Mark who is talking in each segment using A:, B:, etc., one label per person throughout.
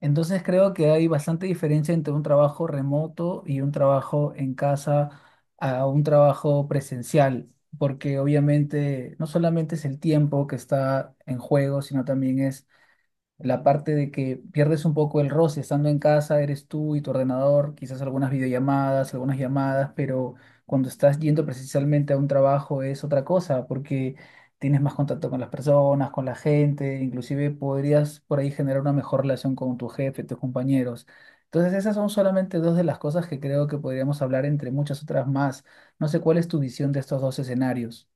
A: Entonces creo que hay bastante diferencia entre un trabajo remoto y un trabajo en casa a un trabajo presencial, porque obviamente no solamente es el tiempo que está en juego, sino también es la parte de que pierdes un poco el roce, estando en casa eres tú y tu ordenador, quizás algunas videollamadas, algunas llamadas, pero cuando estás yendo precisamente a un trabajo es otra cosa, porque tienes más contacto con las personas, con la gente, inclusive podrías por ahí generar una mejor relación con tu jefe, tus compañeros. Entonces esas son solamente dos de las cosas que creo que podríamos hablar entre muchas otras más. No sé cuál es tu visión de estos dos escenarios.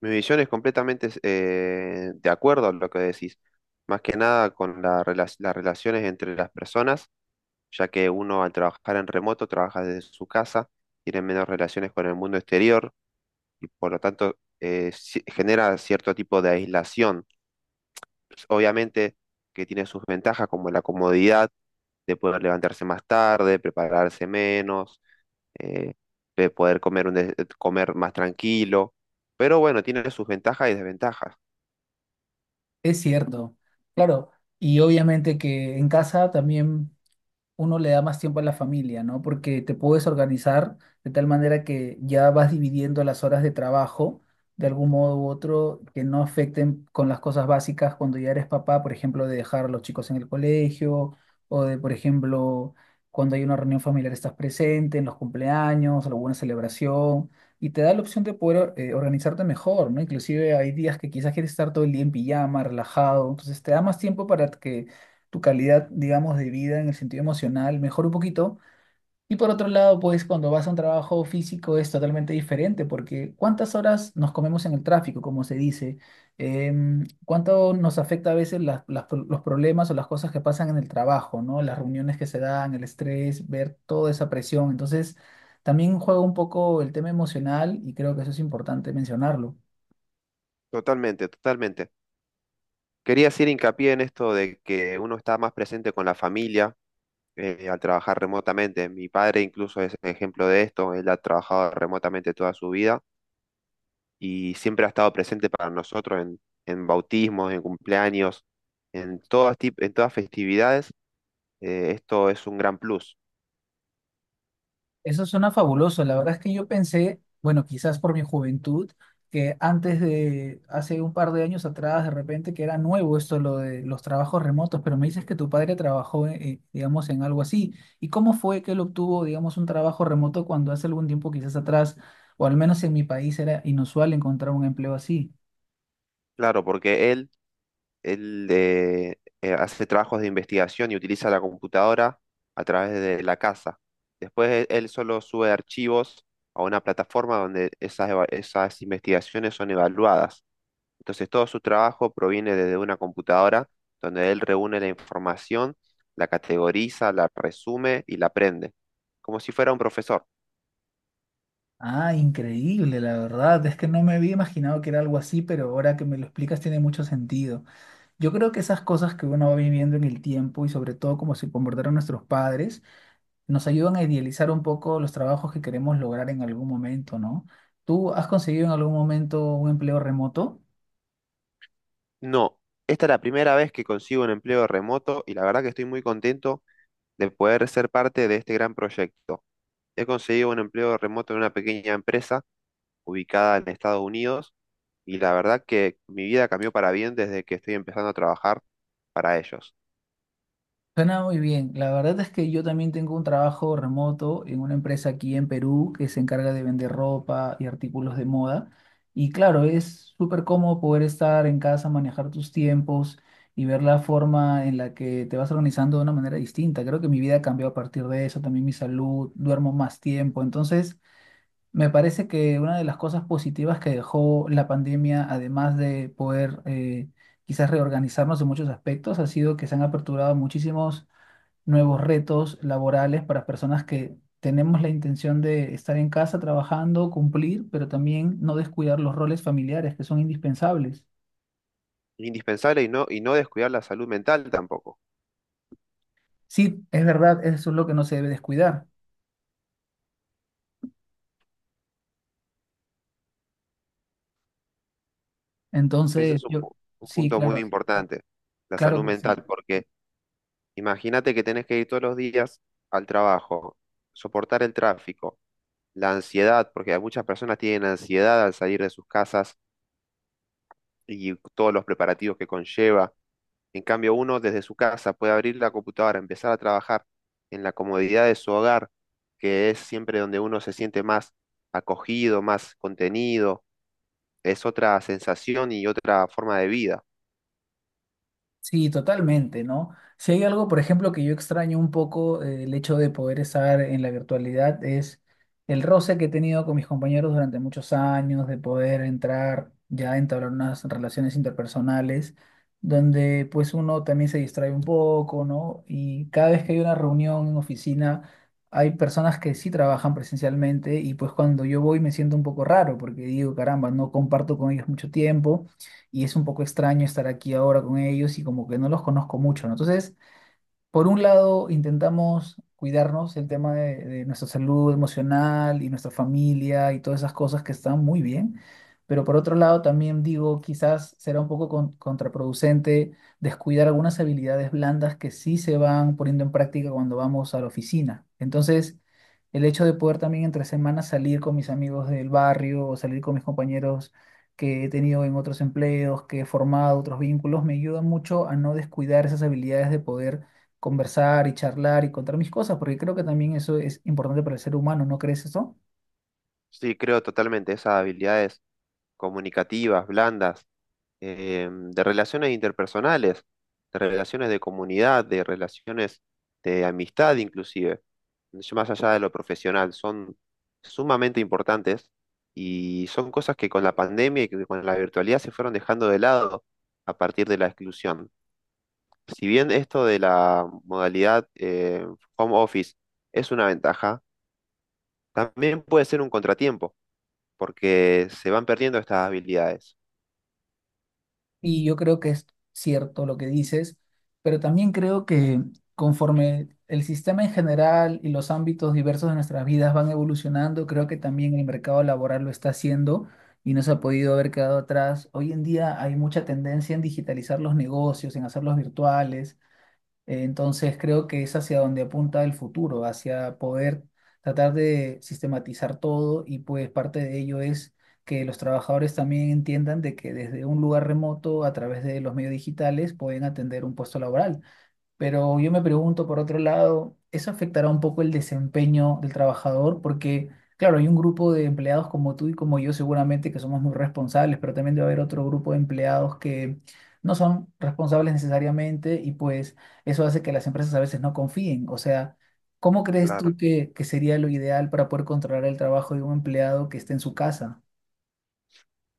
B: Mi visión es completamente de acuerdo a lo que decís. Más que nada con la las relaciones entre las personas, ya que uno al trabajar en remoto trabaja desde su casa, tiene menos relaciones con el mundo exterior y por lo tanto genera cierto tipo de aislación. Obviamente que tiene sus ventajas como la comodidad de poder levantarse más tarde, prepararse menos, eh, de poder comer, comer más tranquilo, pero bueno, tiene sus ventajas y desventajas.
A: Es cierto, claro. Y obviamente que en casa también uno le da más tiempo a la familia, ¿no? Porque te puedes organizar de tal manera que ya vas dividiendo las horas de trabajo de algún modo u otro que no afecten con las cosas básicas cuando ya eres papá, por ejemplo, de dejar a los chicos en el colegio o de, por ejemplo, cuando hay una reunión familiar estás presente en los cumpleaños, alguna celebración. Y te da la opción de poder organizarte mejor, ¿no? Inclusive hay días que quizás quieres estar todo el día en pijama, relajado, entonces te da más tiempo para que tu calidad, digamos, de vida en el sentido emocional mejora un poquito. Y por otro lado, pues cuando vas a un trabajo físico es totalmente diferente, porque ¿cuántas horas nos comemos en el tráfico, como se dice? ¿Cuánto nos afecta a veces los problemas o las cosas que pasan en el trabajo, ¿no? Las reuniones que se dan, el estrés, ver toda esa presión. Entonces, también juega un poco el tema emocional y creo que eso es importante mencionarlo.
B: Totalmente, totalmente. Quería hacer hincapié en esto de que uno está más presente con la familia al trabajar remotamente. Mi padre incluso es ejemplo de esto. Él ha trabajado remotamente toda su vida y siempre ha estado presente para nosotros en bautismos, en cumpleaños, en en todas festividades. Esto es un gran plus.
A: Eso suena fabuloso. La verdad es que yo pensé, bueno, quizás por mi juventud, que antes de, hace un par de años atrás, de repente, que era nuevo esto, lo de los trabajos remotos, pero me dices que tu padre trabajó, digamos, en algo así. ¿Y cómo fue que él obtuvo, digamos, un trabajo remoto cuando hace algún tiempo, quizás atrás, o al menos en mi país, era inusual encontrar un empleo así?
B: Claro, porque él hace trabajos de investigación y utiliza la computadora a través de la casa. Después él solo sube archivos a una plataforma donde esas investigaciones son evaluadas. Entonces todo su trabajo proviene desde una computadora donde él reúne la información, la categoriza, la resume y la aprende, como si fuera un profesor.
A: Ah, increíble, la verdad. Es que no me había imaginado que era algo así, pero ahora que me lo explicas tiene mucho sentido. Yo creo que esas cosas que uno va viviendo en el tiempo y sobre todo cómo se comportaron nuestros padres, nos ayudan a idealizar un poco los trabajos que queremos lograr en algún momento, ¿no? ¿Tú has conseguido en algún momento un empleo remoto?
B: No, esta es la primera vez que consigo un empleo remoto y la verdad que estoy muy contento de poder ser parte de este gran proyecto. He conseguido un empleo remoto en una pequeña empresa ubicada en Estados Unidos y la verdad que mi vida cambió para bien desde que estoy empezando a trabajar para ellos.
A: Suena muy bien. La verdad es que yo también tengo un trabajo remoto en una empresa aquí en Perú que se encarga de vender ropa y artículos de moda. Y claro, es súper cómodo poder estar en casa, manejar tus tiempos y ver la forma en la que te vas organizando de una manera distinta. Creo que mi vida cambió a partir de eso, también mi salud, duermo más tiempo. Entonces, me parece que una de las cosas positivas que dejó la pandemia, además de poder quizás reorganizarnos en muchos aspectos, ha sido que se han aperturado muchísimos nuevos retos laborales para personas que tenemos la intención de estar en casa trabajando, cumplir, pero también no descuidar los roles familiares que son indispensables.
B: Indispensable y no descuidar la salud mental tampoco.
A: Sí, es verdad, eso es lo que no se debe descuidar.
B: Ese
A: Entonces,
B: es
A: yo,
B: un
A: sí,
B: punto muy
A: claro,
B: importante, la
A: claro
B: salud
A: que
B: mental,
A: sí.
B: porque imagínate que tenés que ir todos los días al trabajo, soportar el tráfico, la ansiedad, porque muchas personas tienen ansiedad al salir de sus casas y todos los preparativos que conlleva. En cambio, uno desde su casa puede abrir la computadora, empezar a trabajar en la comodidad de su hogar, que es siempre donde uno se siente más acogido, más contenido, es otra sensación y otra forma de vida.
A: Sí, totalmente, ¿no? Si hay algo, por ejemplo, que yo extraño un poco, el hecho de poder estar en la virtualidad es el roce que he tenido con mis compañeros durante muchos años, de poder entrar ya a entablar unas relaciones interpersonales, donde pues uno también se distrae un poco, ¿no? Y cada vez que hay una reunión en oficina, hay personas que sí trabajan presencialmente y pues cuando yo voy me siento un poco raro porque digo, caramba, no comparto con ellos mucho tiempo y es un poco extraño estar aquí ahora con ellos y como que no los conozco mucho, ¿no? Entonces... Por un lado, intentamos cuidarnos el tema de nuestra salud emocional y nuestra familia y todas esas cosas que están muy bien, pero por otro lado también digo, quizás será un poco contraproducente descuidar algunas habilidades blandas que sí se van poniendo en práctica cuando vamos a la oficina. Entonces, el hecho de poder también entre semanas salir con mis amigos del barrio o salir con mis compañeros que he tenido en otros empleos, que he formado otros vínculos, me ayuda mucho a no descuidar esas habilidades de poder conversar y charlar y contar mis cosas, porque creo que también eso es importante para el ser humano, ¿no crees eso?
B: Sí, creo totalmente esas habilidades comunicativas, blandas, de relaciones interpersonales, de relaciones de comunidad, de relaciones de amistad inclusive, más allá de lo profesional, son sumamente importantes y son cosas que con la pandemia y que con la virtualidad se fueron dejando de lado a partir de la exclusión. Si bien esto de la modalidad home office es una ventaja, también puede ser un contratiempo porque se van perdiendo estas habilidades.
A: Y yo creo que es cierto lo que dices, pero también creo que conforme el sistema en general y los ámbitos diversos de nuestras vidas van evolucionando, creo que también el mercado laboral lo está haciendo y no se ha podido haber quedado atrás. Hoy en día hay mucha tendencia en digitalizar los negocios, en hacerlos virtuales. Entonces creo que es hacia donde apunta el futuro, hacia poder tratar de sistematizar todo y pues parte de ello es que los trabajadores también entiendan de que desde un lugar remoto, a través de los medios digitales, pueden atender un puesto laboral. Pero yo me pregunto, por otro lado, ¿eso afectará un poco el desempeño del trabajador? Porque, claro, hay un grupo de empleados como tú y como yo seguramente que somos muy responsables, pero también debe haber otro grupo de empleados que no son responsables necesariamente y pues eso hace que las empresas a veces no confíen. O sea, ¿cómo crees
B: Claro.
A: tú que sería lo ideal para poder controlar el trabajo de un empleado que esté en su casa?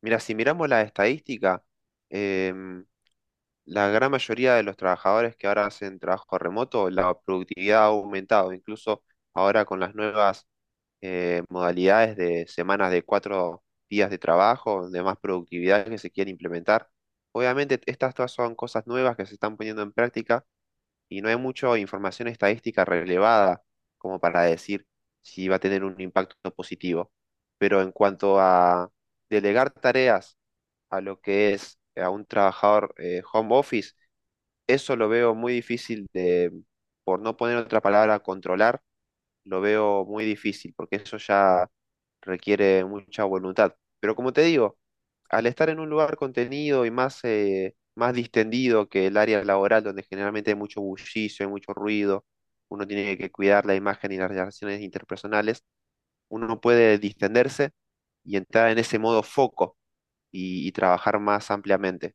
B: Mira, si miramos la estadística, em, la gran mayoría de los trabajadores que ahora hacen trabajo remoto, la productividad ha aumentado, incluso ahora con las nuevas modalidades de semanas de 4 días de trabajo, de más productividad que se quiere implementar. Obviamente, estas todas son cosas nuevas que se están poniendo en práctica y no hay mucha información estadística relevada como para decir si va a tener un impacto positivo. Pero en cuanto a delegar tareas, a lo que es a un trabajador home office, eso lo veo muy difícil de, por no poner otra palabra, controlar, lo veo muy difícil, porque eso ya requiere mucha voluntad. Pero como te digo, al estar en un lugar contenido y más, más distendido que el área laboral, donde generalmente hay mucho bullicio, hay mucho ruido, uno tiene que cuidar la imagen y las relaciones interpersonales, uno no puede distenderse y entrar en ese modo foco y trabajar más ampliamente.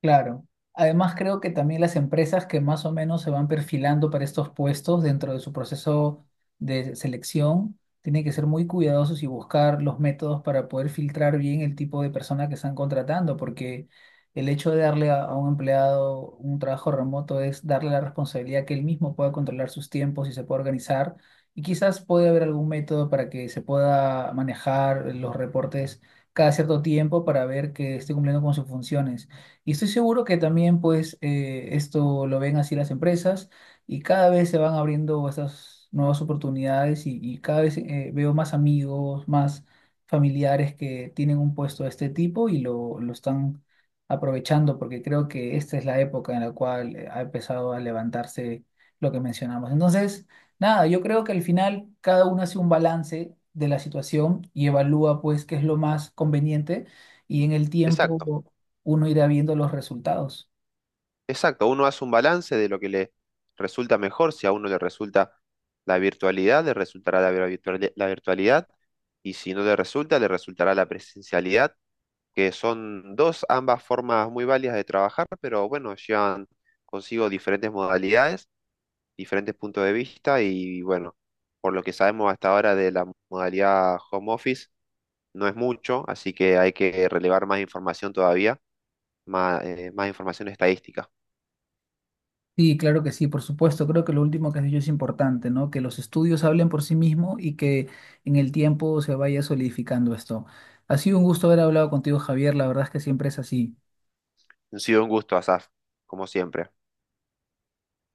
A: Claro. Además, creo que también las empresas que más o menos se van perfilando para estos puestos dentro de su proceso de selección tienen que ser muy cuidadosos y buscar los métodos para poder filtrar bien el tipo de persona que están contratando, porque el hecho de darle a un empleado un trabajo remoto es darle la responsabilidad que él mismo pueda controlar sus tiempos y se pueda organizar. Y quizás puede haber algún método para que se pueda manejar los reportes cada cierto tiempo para ver que esté cumpliendo con sus funciones. Y estoy seguro que también, pues, esto lo ven así las empresas y cada vez se van abriendo estas nuevas oportunidades y cada vez veo más amigos, más familiares que tienen un puesto de este tipo y lo están aprovechando porque creo que esta es la época en la cual ha empezado a levantarse lo que mencionamos. Entonces, nada, yo creo que al final cada uno hace un balance de la situación y evalúa, pues, qué es lo más conveniente y en el tiempo
B: Exacto,
A: uno irá viendo los resultados.
B: exacto. Uno hace un balance de lo que le resulta mejor. Si a uno le resulta la virtualidad, le resultará la la virtualidad. Y si no le resulta, le resultará la presencialidad, que son dos, ambas formas muy válidas de trabajar, pero bueno, llevan consigo diferentes modalidades, diferentes puntos de vista y bueno, por lo que sabemos hasta ahora de la modalidad home office, no es mucho, así que hay que relevar más información todavía, más, más información estadística.
A: Sí, claro que sí, por supuesto. Creo que lo último que has dicho es importante, ¿no? Que los estudios hablen por sí mismos y que en el tiempo se vaya solidificando esto. Ha sido un gusto haber hablado contigo, Javier. La verdad es que siempre es así.
B: Ha sido un gusto, Asaf, como siempre.